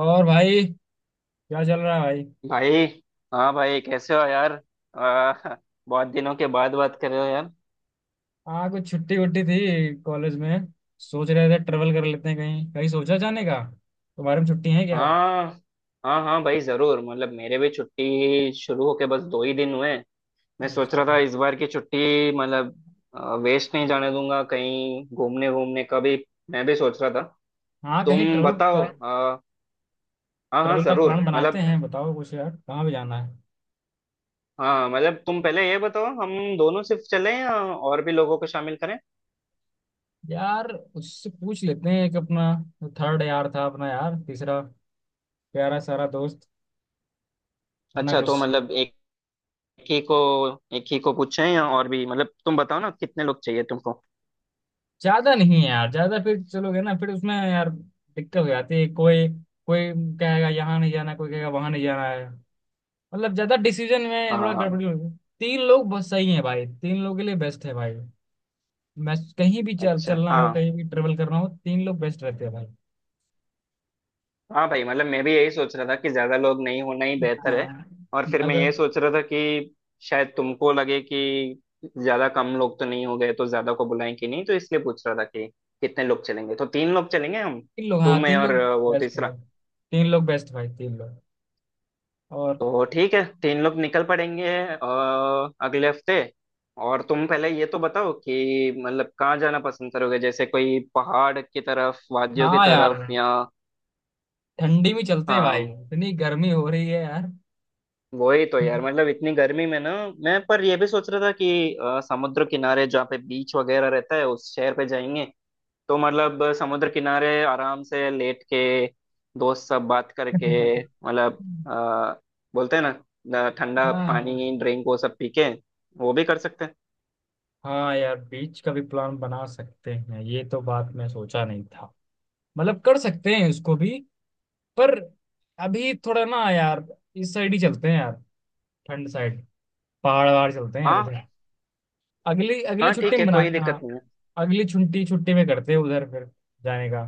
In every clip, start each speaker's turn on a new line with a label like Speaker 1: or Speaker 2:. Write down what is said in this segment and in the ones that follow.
Speaker 1: और भाई, क्या चल रहा है भाई।
Speaker 2: भाई। हाँ भाई, कैसे हो यार। आ, बहुत दिनों के बाद बात कर रहे हो यार।
Speaker 1: हाँ, कुछ छुट्टी वुट्टी थी कॉलेज में। सोच रहे थे ट्रेवल कर लेते हैं, कहीं कहीं सोचा जाने का। तुम्हारे में छुट्टी है क्या?
Speaker 2: हाँ हाँ हाँ भाई जरूर, मतलब मेरे भी छुट्टी शुरू होके बस दो ही दिन हुए हैं। मैं सोच
Speaker 1: अच्छा।
Speaker 2: रहा था इस बार की छुट्टी मतलब वेस्ट नहीं जाने दूंगा, कहीं घूमने घूमने का भी। मैं भी सोच रहा था,
Speaker 1: हाँ, कहीं
Speaker 2: तुम
Speaker 1: ट्रेवल
Speaker 2: बताओ।
Speaker 1: का।
Speaker 2: हाँ हाँ
Speaker 1: ट्रेवल का प्लान
Speaker 2: जरूर,
Speaker 1: बनाते
Speaker 2: मतलब
Speaker 1: हैं, बताओ कुछ यार, कहाँ भी जाना है।
Speaker 2: हाँ मतलब तुम पहले ये बताओ, हम दोनों सिर्फ चलें या और भी लोगों को शामिल करें।
Speaker 1: यार उससे पूछ लेते हैं, एक अपना थर्ड यार था अपना, यार तीसरा प्यारा सारा दोस्त, वरना
Speaker 2: अच्छा, तो
Speaker 1: कुछ।
Speaker 2: मतलब एक एक ही को, एक ही को पूछें या और भी, मतलब तुम बताओ ना कितने लोग चाहिए तुमको।
Speaker 1: ज्यादा नहीं है यार, ज्यादा फिर चलोगे ना फिर उसमें यार दिक्कत हो जाती है। कोई कोई कहेगा यहाँ नहीं जाना, कोई कहेगा वहां नहीं जाना है। मतलब ज्यादा डिसीजन में
Speaker 2: हाँ
Speaker 1: थोड़ा
Speaker 2: हाँ हाँ।
Speaker 1: गड़बड़ी हो गई। तीन लोग बस सही है भाई, तीन लोग के लिए बेस्ट है भाई। मैं कहीं भी चल
Speaker 2: अच्छा
Speaker 1: चलना हो
Speaker 2: हाँ,
Speaker 1: कहीं भी ट्रेवल करना हो, तीन लोग बेस्ट रहते हैं भाई।
Speaker 2: हाँ भाई मतलब मैं भी यही सोच रहा था कि ज्यादा लोग नहीं होना ही बेहतर है।
Speaker 1: हाँ,
Speaker 2: और फिर मैं ये
Speaker 1: अगर
Speaker 2: सोच रहा था कि शायद तुमको लगे कि ज्यादा कम लोग तो नहीं हो गए, तो ज्यादा को बुलाएं कि नहीं, तो इसलिए पूछ रहा था कि कितने लोग चलेंगे। तो तीन लोग चलेंगे हम,
Speaker 1: तीन लोग,
Speaker 2: तुम
Speaker 1: हाँ
Speaker 2: मैं
Speaker 1: तीन
Speaker 2: और
Speaker 1: लोग।
Speaker 2: वो
Speaker 1: बेस्ट भाई,
Speaker 2: तीसरा।
Speaker 1: तीन लोग बेस्ट भाई, तीन लोग। और
Speaker 2: तो ठीक है तीन लोग निकल पड़ेंगे अगले हफ्ते। और तुम पहले ये तो बताओ कि मतलब कहाँ जाना पसंद करोगे, जैसे कोई पहाड़ की तरफ, वादियों की
Speaker 1: हाँ यार,
Speaker 2: तरफ या।
Speaker 1: ठंडी में चलते हैं भाई,
Speaker 2: हाँ
Speaker 1: इतनी गर्मी हो रही है यार।
Speaker 2: वही तो यार, मतलब इतनी गर्मी में ना, मैं पर ये भी सोच रहा था कि समुद्र किनारे जहाँ पे बीच वगैरह रहता है उस शहर पे जाएंगे। तो मतलब समुद्र किनारे आराम से लेट के दोस्त सब बात करके, मतलब बोलते हैं ना ठंडा
Speaker 1: हाँ।
Speaker 2: पानी ड्रिंक वो सब पी के वो भी कर सकते हैं।
Speaker 1: हाँ यार, बीच का भी प्लान बना सकते हैं, ये तो बात मैं सोचा नहीं था। मतलब कर सकते हैं उसको भी, पर अभी थोड़ा ना यार, इस साइड ही चलते हैं यार, ठंड साइड, पहाड़ वहाड़ चलते हैं यार
Speaker 2: हाँ
Speaker 1: इधर। अगली अगली
Speaker 2: हाँ,
Speaker 1: छुट्टी
Speaker 2: ठीक
Speaker 1: में
Speaker 2: है कोई
Speaker 1: बनाते हैं।
Speaker 2: दिक्कत नहीं है।
Speaker 1: अगली छुट्टी छुट्टी में करते हैं उधर, फिर जाने का,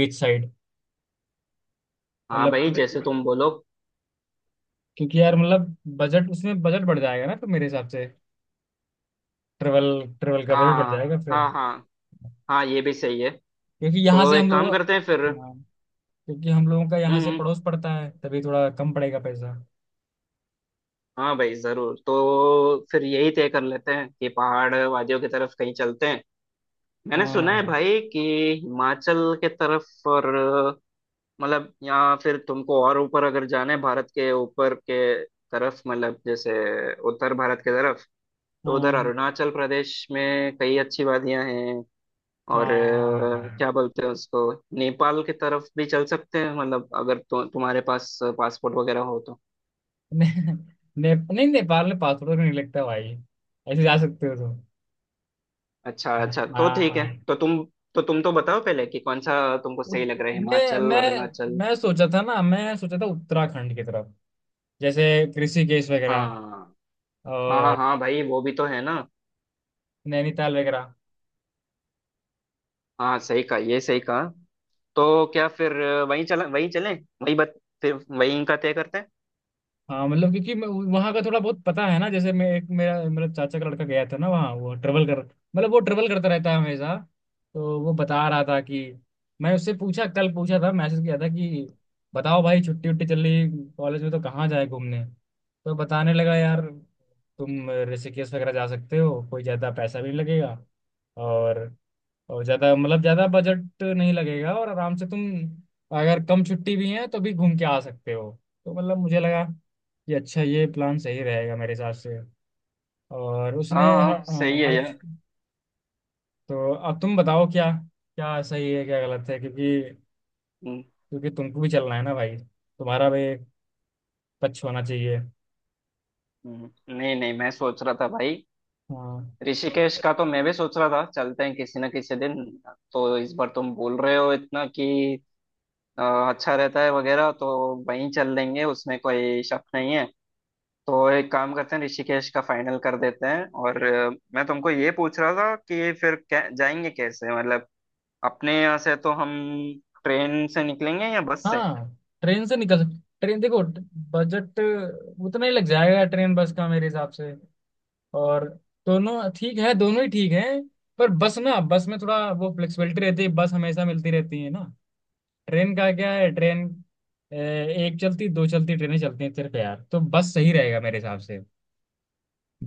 Speaker 1: बीच साइड।
Speaker 2: हाँ
Speaker 1: मतलब
Speaker 2: भाई जैसे तुम बोलो।
Speaker 1: क्योंकि यार मतलब बजट उसमें बजट बढ़ जाएगा ना, तो मेरे हिसाब से। ट्रेवल ट्रेवल का बजट बढ़
Speaker 2: हाँ
Speaker 1: जाएगा फिर।
Speaker 2: हाँ हाँ। हाँ ये भी सही है।
Speaker 1: क्योंकि यहाँ
Speaker 2: तो
Speaker 1: से हम
Speaker 2: एक
Speaker 1: लोग,
Speaker 2: काम करते हैं फिर।
Speaker 1: हाँ। क्योंकि हम लोगों का यहाँ से
Speaker 2: हम्म।
Speaker 1: पड़ोस पड़ता है, तभी थोड़ा कम पड़ेगा पैसा।
Speaker 2: हाँ भाई जरूर, तो फिर यही तय कर लेते हैं कि पहाड़ वादियों की तरफ कहीं चलते हैं। मैंने सुना है
Speaker 1: हाँ,
Speaker 2: भाई कि हिमाचल के तरफ, और मतलब यहाँ फिर तुमको और ऊपर अगर जाना है, भारत के ऊपर के तरफ मतलब जैसे उत्तर भारत के तरफ, तो उधर
Speaker 1: हाँ,
Speaker 2: अरुणाचल प्रदेश में कई अच्छी वादियां हैं। और
Speaker 1: हाँ।
Speaker 2: क्या बोलते हैं उसको, नेपाल की तरफ भी चल सकते हैं, मतलब अगर तुम्हारे पास पासपोर्ट वगैरह हो तो।
Speaker 1: ने, नहीं, नेपाल में पासपोर्ट नहीं लगता भाई। ऐसे जा सकते हो तुम।
Speaker 2: अच्छा
Speaker 1: हाँ,
Speaker 2: अच्छा, तो ठीक है
Speaker 1: हाँ, हाँ।
Speaker 2: तो तुम, तो तुम तो बताओ पहले कि कौन सा तुमको सही
Speaker 1: उत-
Speaker 2: लग रहा है,
Speaker 1: मैं
Speaker 2: हिमाचल
Speaker 1: मैं
Speaker 2: अरुणाचल।
Speaker 1: मैं सोचा था ना, मैं सोचा था उत्तराखंड की तरफ, जैसे ऋषिकेश
Speaker 2: हाँ
Speaker 1: वगैरह
Speaker 2: हाँ। हाँ
Speaker 1: और
Speaker 2: हाँ भाई वो भी तो है ना।
Speaker 1: नैनीताल वगैरह।
Speaker 2: हाँ सही कहा, ये सही कहा। तो क्या फिर वहीं चला वहीं चलें, वहीं बत फिर वहीं का तय करते हैं।
Speaker 1: हाँ मतलब, क्योंकि वहाँ का थोड़ा बहुत पता है ना, जैसे मैं एक मेरा मेरा चाचा का लड़का गया था ना वहाँ, वो ट्रेवल कर, मतलब वो ट्रेवल करता रहता है हमेशा। तो वो बता रहा था कि, मैं उससे पूछा, कल पूछा था मैसेज किया था कि बताओ भाई, छुट्टी उट्टी चल रही कॉलेज में तो कहाँ जाए घूमने, तो बताने लगा यार, तुम ऋषिकेश वगैरह जा सकते हो, कोई ज़्यादा पैसा भी नहीं लगेगा। और ज्यादा, मतलब ज्यादा बजट नहीं लगेगा, और आराम से तुम, अगर कम छुट्टी भी है तो भी घूम के आ सकते हो। तो मतलब मुझे लगा कि अच्छा, ये प्लान सही रहेगा मेरे हिसाब से। और
Speaker 2: हाँ
Speaker 1: उसने हर,
Speaker 2: हाँ सही है
Speaker 1: हर
Speaker 2: यार।
Speaker 1: तो अब तुम बताओ, क्या क्या सही है, क्या गलत है, क्योंकि
Speaker 2: हम्म।
Speaker 1: क्योंकि तुमको भी चलना है ना भाई, तुम्हारा भी टच होना चाहिए।
Speaker 2: हम्म। नहीं नहीं मैं सोच रहा था भाई,
Speaker 1: हाँ,
Speaker 2: ऋषिकेश का तो मैं भी सोच रहा था चलते हैं किसी ना किसी दिन। तो इस बार तुम बोल रहे हो इतना कि अच्छा रहता है वगैरह, तो वहीं चल लेंगे उसमें कोई शक नहीं है। तो एक काम करते हैं ऋषिकेश का फाइनल कर देते हैं और मैं तुमको ये पूछ रहा था कि फिर जाएंगे कैसे, मतलब अपने यहाँ से तो हम ट्रेन से निकलेंगे या बस से।
Speaker 1: हाँ। ट्रेन से निकल सक ट्रेन देखो, बजट उतना ही लग जाएगा ट्रेन बस का मेरे हिसाब से। और दोनों ठीक है, दोनों ही ठीक हैं, पर बस ना, बस में थोड़ा वो फ्लेक्सिबिलिटी रहती है, बस हमेशा मिलती रहती है ना। ट्रेन का क्या है ट्रेन? ए, एक चलती दो चलती ट्रेनें चलती हैं सिर्फ यार, तो बस सही रहेगा मेरे हिसाब से।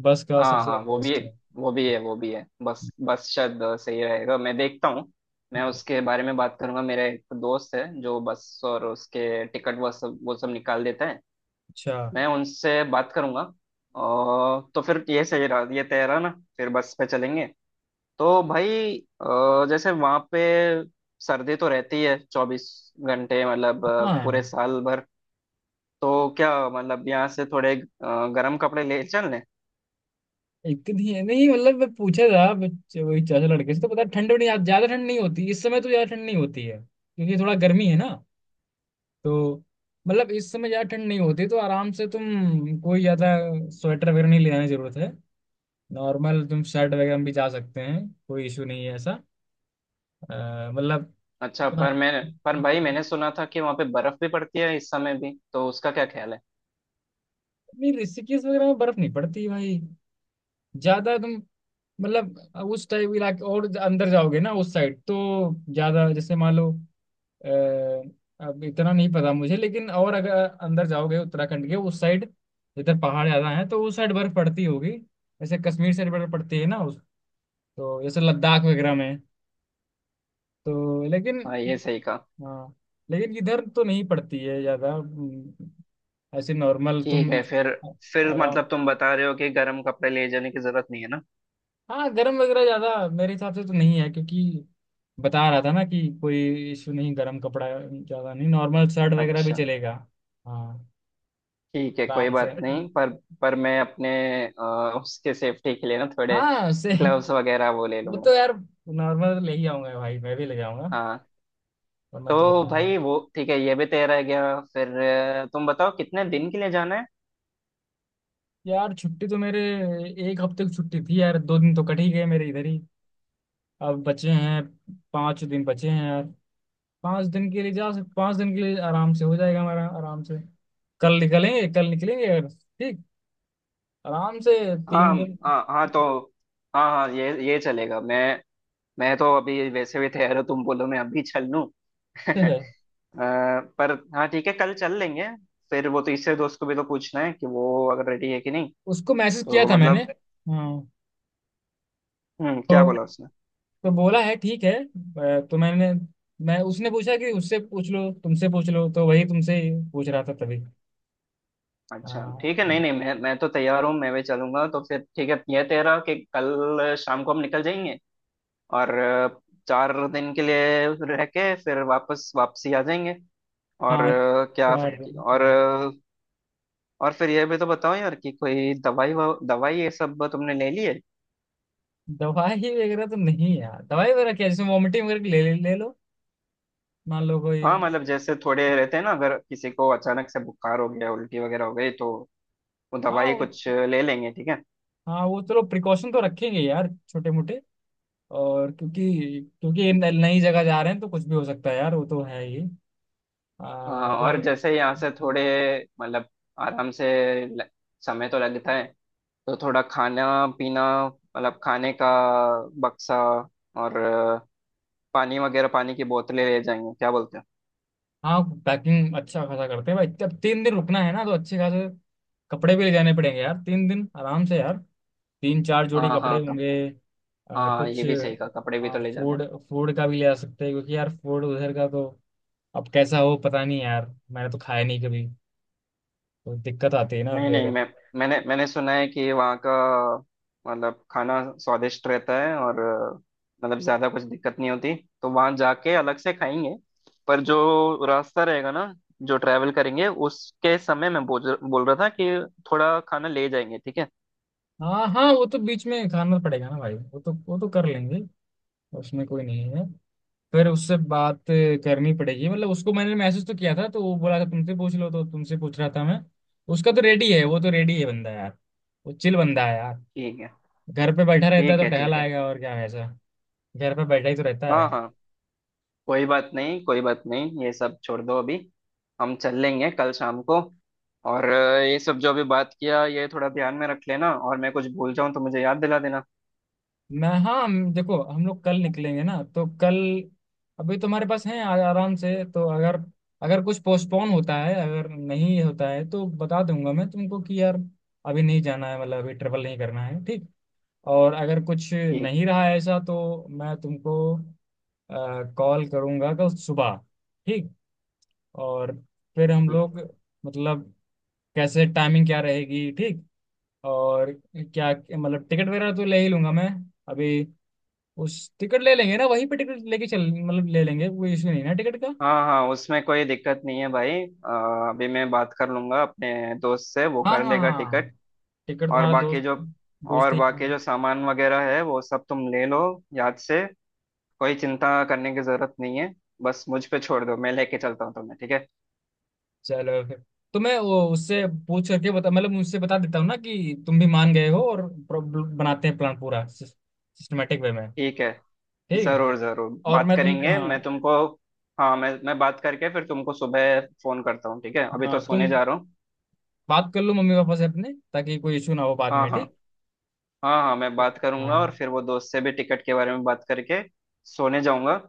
Speaker 1: बस का
Speaker 2: हाँ
Speaker 1: सबसे
Speaker 2: हाँ वो भी है,
Speaker 1: बेस्ट है।
Speaker 2: वो भी है वो भी है, बस बस शायद सही रहेगा, मैं देखता हूँ। मैं
Speaker 1: हम्म,
Speaker 2: उसके बारे में बात करूंगा, मेरा एक दोस्त है जो बस और उसके टिकट वो सब निकाल देता है।
Speaker 1: अच्छा।
Speaker 2: मैं उनसे बात करूंगा। और तो फिर ये सही रहा, ये तय रहा ना, फिर बस पे चलेंगे। तो भाई जैसे वहाँ पे सर्दी तो रहती है 24 घंटे, मतलब पूरे
Speaker 1: हाँ,
Speaker 2: साल भर। तो क्या मतलब यहाँ से थोड़े गर्म कपड़े ले चलें।
Speaker 1: एक नहीं है, नहीं मतलब मैं पूछा था वही चाचा लड़के से, तो पता है, ठंड भी नहीं, ज्यादा ठंड नहीं होती इस समय, तो ज्यादा ठंड नहीं होती है क्योंकि थोड़ा गर्मी है ना। तो मतलब इस समय ज्यादा ठंड नहीं होती, तो आराम से तुम, कोई ज्यादा स्वेटर वगैरह नहीं ले जाने की जरूरत है। नॉर्मल तुम शर्ट वगैरह में भी जा सकते हैं, कोई इशू नहीं है ऐसा। मतलब
Speaker 2: अच्छा, पर
Speaker 1: उतना-
Speaker 2: मैं, पर भाई मैंने सुना था कि वहां पे बर्फ भी पड़ती है इस समय भी, तो उसका क्या ख्याल है।
Speaker 1: नहीं, ऋषिकेश वगैरह में बर्फ नहीं पड़ती भाई, ज्यादा तुम, मतलब उस टाइप इलाके और अंदर जाओगे ना उस साइड, तो ज्यादा, जैसे मान लो, अ, अब इतना नहीं पता मुझे, लेकिन और अगर अंदर जाओगे उत्तराखंड के उस साइड, इधर पहाड़ ज्यादा हैं तो उस साइड बर्फ पड़ती होगी, जैसे कश्मीर साइड बर्फ पड़ती है ना उस, तो जैसे लद्दाख वगैरह में। तो लेकिन,
Speaker 2: हाँ ये सही कहा।
Speaker 1: हाँ, लेकिन इधर तो नहीं पड़ती है ज्यादा, ऐसे नॉर्मल
Speaker 2: ठीक
Speaker 1: तुम
Speaker 2: है फिर
Speaker 1: आराम।
Speaker 2: मतलब तुम बता रहे हो कि गर्म कपड़े ले जाने की जरूरत नहीं है ना।
Speaker 1: हाँ, गर्म वगैरह ज्यादा मेरे हिसाब से तो नहीं है, क्योंकि बता रहा था ना कि कोई इशू नहीं, गर्म कपड़ा ज्यादा नहीं, नॉर्मल शर्ट वगैरह भी
Speaker 2: अच्छा
Speaker 1: चलेगा। हाँ,
Speaker 2: ठीक है, कोई
Speaker 1: आराम से।
Speaker 2: बात नहीं। पर, पर मैं अपने उसके सेफ्टी के लिए ना, थोड़े
Speaker 1: हाँ से,
Speaker 2: ग्लव्स वगैरह वो ले
Speaker 1: वो
Speaker 2: लूंगा।
Speaker 1: तो यार नॉर्मल ले ही आऊंगा भाई, मैं भी ले जाऊंगा।
Speaker 2: हाँ।
Speaker 1: और मैं तो
Speaker 2: तो
Speaker 1: बता,
Speaker 2: भाई वो ठीक है, ये भी तय रह गया फिर। तुम बताओ कितने दिन के लिए जाना है।
Speaker 1: यार छुट्टी तो मेरे, एक हफ्ते की छुट्टी थी यार, 2 दिन तो कट ही गए मेरे इधर ही। अब बचे हैं 5 दिन, बचे हैं यार, 5 दिन के लिए जा सक 5 दिन के लिए आराम से हो जाएगा हमारा, आराम से। कल निकलेंगे, कल निकलेंगे यार, ठीक, आराम से,
Speaker 2: हाँ
Speaker 1: 3 दिन।
Speaker 2: हाँ। हाँ तो हाँ हाँ ये चलेगा, मैं तो अभी वैसे भी तैयार हूँ, तुम बोलो मैं अभी चल लूँ। अ,
Speaker 1: है।
Speaker 2: पर हाँ ठीक है, कल चल लेंगे। फिर वो तीसरे दोस्त को भी तो पूछना है कि वो अगर रेडी है कि नहीं।
Speaker 1: उसको मैसेज किया
Speaker 2: तो
Speaker 1: था मैंने।
Speaker 2: मतलब
Speaker 1: हाँ,
Speaker 2: हम्म,
Speaker 1: तो
Speaker 2: क्या बोला उसने।
Speaker 1: बोला है ठीक है, तो मैंने, मैं उसने पूछा कि उससे पूछ लो, तुमसे पूछ लो, तो वही तुमसे ही पूछ रहा था तभी।
Speaker 2: अच्छा
Speaker 1: हाँ,
Speaker 2: ठीक है, नहीं नहीं मैं, मैं तो तैयार हूँ, मैं भी चलूंगा। तो फिर ठीक है, यह तय रहा कि कल शाम को हम निकल जाएंगे और 4 दिन के लिए रह के फिर वापसी आ जाएंगे। और
Speaker 1: हाँ,
Speaker 2: क्या,
Speaker 1: क्या करूं?
Speaker 2: और
Speaker 1: हाँ।
Speaker 2: और फिर यह भी तो बताओ यार कि कोई दवाई ये सब तुमने ले ली है।
Speaker 1: दवाई वगैरह तो नहीं यार, दवाई वगैरह क्या, जैसे वॉमिटिंग वगैरह की ले, ले ले लो, मान लो कोई।
Speaker 2: हाँ मतलब जैसे थोड़े रहते हैं ना, अगर किसी को अचानक से बुखार हो गया, उल्टी वगैरह हो गई तो वो
Speaker 1: हाँ
Speaker 2: दवाई कुछ ले लेंगे ठीक है।
Speaker 1: हाँ वो चलो, प्रिकॉशन तो रखेंगे यार, छोटे मोटे, और क्योंकि क्योंकि ये नई जगह जा रहे हैं तो कुछ भी हो सकता है यार, वो तो है ही।
Speaker 2: हाँ और
Speaker 1: पर,
Speaker 2: जैसे यहाँ से थोड़े मतलब आराम से ल- समय तो लगता है, तो थोड़ा खाना पीना मतलब खाने का बक्सा और पानी वगैरह, पानी की बोतलें ले जाएंगे क्या बोलते हो।
Speaker 1: हाँ, पैकिंग अच्छा खासा करते हैं भाई, जब 3 दिन रुकना है ना तो अच्छे खासे कपड़े भी ले जाने पड़ेंगे यार, 3 दिन आराम से यार, तीन चार जोड़ी
Speaker 2: हाँ
Speaker 1: कपड़े
Speaker 2: हाँ कप
Speaker 1: होंगे।
Speaker 2: हाँ ये
Speaker 1: कुछ
Speaker 2: भी सही कहा, कपड़े भी तो ले जाने
Speaker 1: फूड
Speaker 2: हैं।
Speaker 1: फूड का भी ले जा सकते हैं, क्योंकि यार फूड उधर का तो अब कैसा हो पता नहीं यार, मैंने तो खाया नहीं कभी, तो दिक्कत आती है ना
Speaker 2: नहीं नहीं
Speaker 1: फिर।
Speaker 2: मैं, मैंने मैंने सुना है कि वहाँ का मतलब खाना स्वादिष्ट रहता है और मतलब ज्यादा कुछ दिक्कत नहीं होती, तो वहाँ जाके अलग से खाएंगे। पर जो रास्ता रहेगा ना, जो ट्रैवल करेंगे उसके समय मैं बोल बोल रहा था कि थोड़ा खाना ले जाएंगे ठीक है।
Speaker 1: हाँ, हाँ, वो तो बीच में खाना पड़ेगा ना भाई, वो तो कर लेंगे, उसमें कोई नहीं है। फिर उससे बात करनी पड़ेगी, मतलब उसको मैंने मैसेज तो किया था, तो वो बोला था तुमसे पूछ लो, तो तुमसे पूछ रहा था मैं। उसका तो रेडी है, वो तो रेडी है बंदा यार, वो चिल बंदा है यार,
Speaker 2: ठीक है
Speaker 1: घर पे बैठा रहता है
Speaker 2: ठीक है
Speaker 1: तो टहल
Speaker 2: ठीक है।
Speaker 1: आएगा, और क्या वैसा। घर पे बैठा ही तो रहता है।
Speaker 2: हाँ हाँ कोई बात नहीं, कोई बात नहीं, ये सब छोड़ दो अभी। हम चल लेंगे कल शाम को। और ये सब जो अभी बात किया ये थोड़ा ध्यान में रख लेना, और मैं कुछ भूल जाऊं तो मुझे याद दिला देना।
Speaker 1: मैं, हाँ, देखो, हम लोग कल निकलेंगे ना, तो कल अभी तुम्हारे पास है आराम से, तो अगर अगर कुछ पोस्टपोन होता है, अगर नहीं होता है तो बता दूंगा मैं तुमको कि यार अभी नहीं जाना है, मतलब अभी ट्रेवल नहीं करना है, ठीक। और अगर कुछ
Speaker 2: ठीक।
Speaker 1: नहीं रहा ऐसा, तो मैं तुमको कॉल करूँगा कल सुबह, ठीक। और फिर हम
Speaker 2: ठीक।
Speaker 1: लोग, मतलब कैसे टाइमिंग क्या रहेगी, ठीक। और क्या, मतलब टिकट वगैरह तो ले ही लूँगा मैं, अभी उस टिकट ले लेंगे ना, वहीं पे टिकट लेके चल, मतलब ले लेंगे, कोई इशू नहीं ना टिकट का।
Speaker 2: हाँ हाँ उसमें कोई दिक्कत नहीं है भाई, अभी मैं बात कर लूंगा अपने दोस्त से, वो
Speaker 1: हाँ,
Speaker 2: कर
Speaker 1: हाँ,
Speaker 2: लेगा टिकट।
Speaker 1: हाँ। टिकट
Speaker 2: और
Speaker 1: तुम्हारा
Speaker 2: बाकी
Speaker 1: दोस्त,
Speaker 2: जो
Speaker 1: दोस्त
Speaker 2: और
Speaker 1: ही।
Speaker 2: बाकी जो सामान वगैरह है वो सब तुम ले लो, याद से। कोई चिंता करने की जरूरत नहीं है, बस मुझ पे छोड़ दो, मैं लेके चलता हूँ तुम्हें ठीक है।
Speaker 1: चलो फिर, तो मैं वो उससे पूछ करके बता, मतलब उससे बता देता हूँ ना कि तुम भी मान गए हो, और प्रॉब्लम बनाते हैं प्लान, पूरा सिस्टमेटिक वे में।
Speaker 2: ठीक है,
Speaker 1: ठीक है।
Speaker 2: जरूर जरूर
Speaker 1: और
Speaker 2: बात
Speaker 1: मैं तुम,
Speaker 2: करेंगे,
Speaker 1: हाँ।
Speaker 2: मैं तुमको, हाँ मैं बात करके फिर तुमको सुबह फोन करता हूँ ठीक है, अभी तो
Speaker 1: हाँ
Speaker 2: सोने
Speaker 1: तुम
Speaker 2: जा रहा हूँ।
Speaker 1: बात कर लो मम्मी पापा से अपने, ताकि कोई इशू ना हो बाद
Speaker 2: हाँ
Speaker 1: में,
Speaker 2: हाँ।
Speaker 1: ठीक।
Speaker 2: हाँ हाँ मैं बात करूंगा और
Speaker 1: हाँ,
Speaker 2: फिर वो दोस्त से भी टिकट के बारे में बात करके सोने जाऊंगा।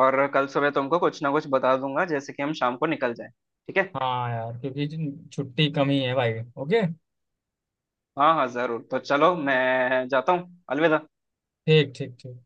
Speaker 2: और कल सुबह तुमको कुछ ना कुछ बता दूंगा जैसे कि हम शाम को निकल जाएं ठीक है।
Speaker 1: हाँ यार, क्योंकि छुट्टी कम ही है भाई। ओके,
Speaker 2: हाँ हाँ जरूर, तो चलो मैं जाता हूँ, अलविदा।
Speaker 1: ठीक, ठीक, ठीक।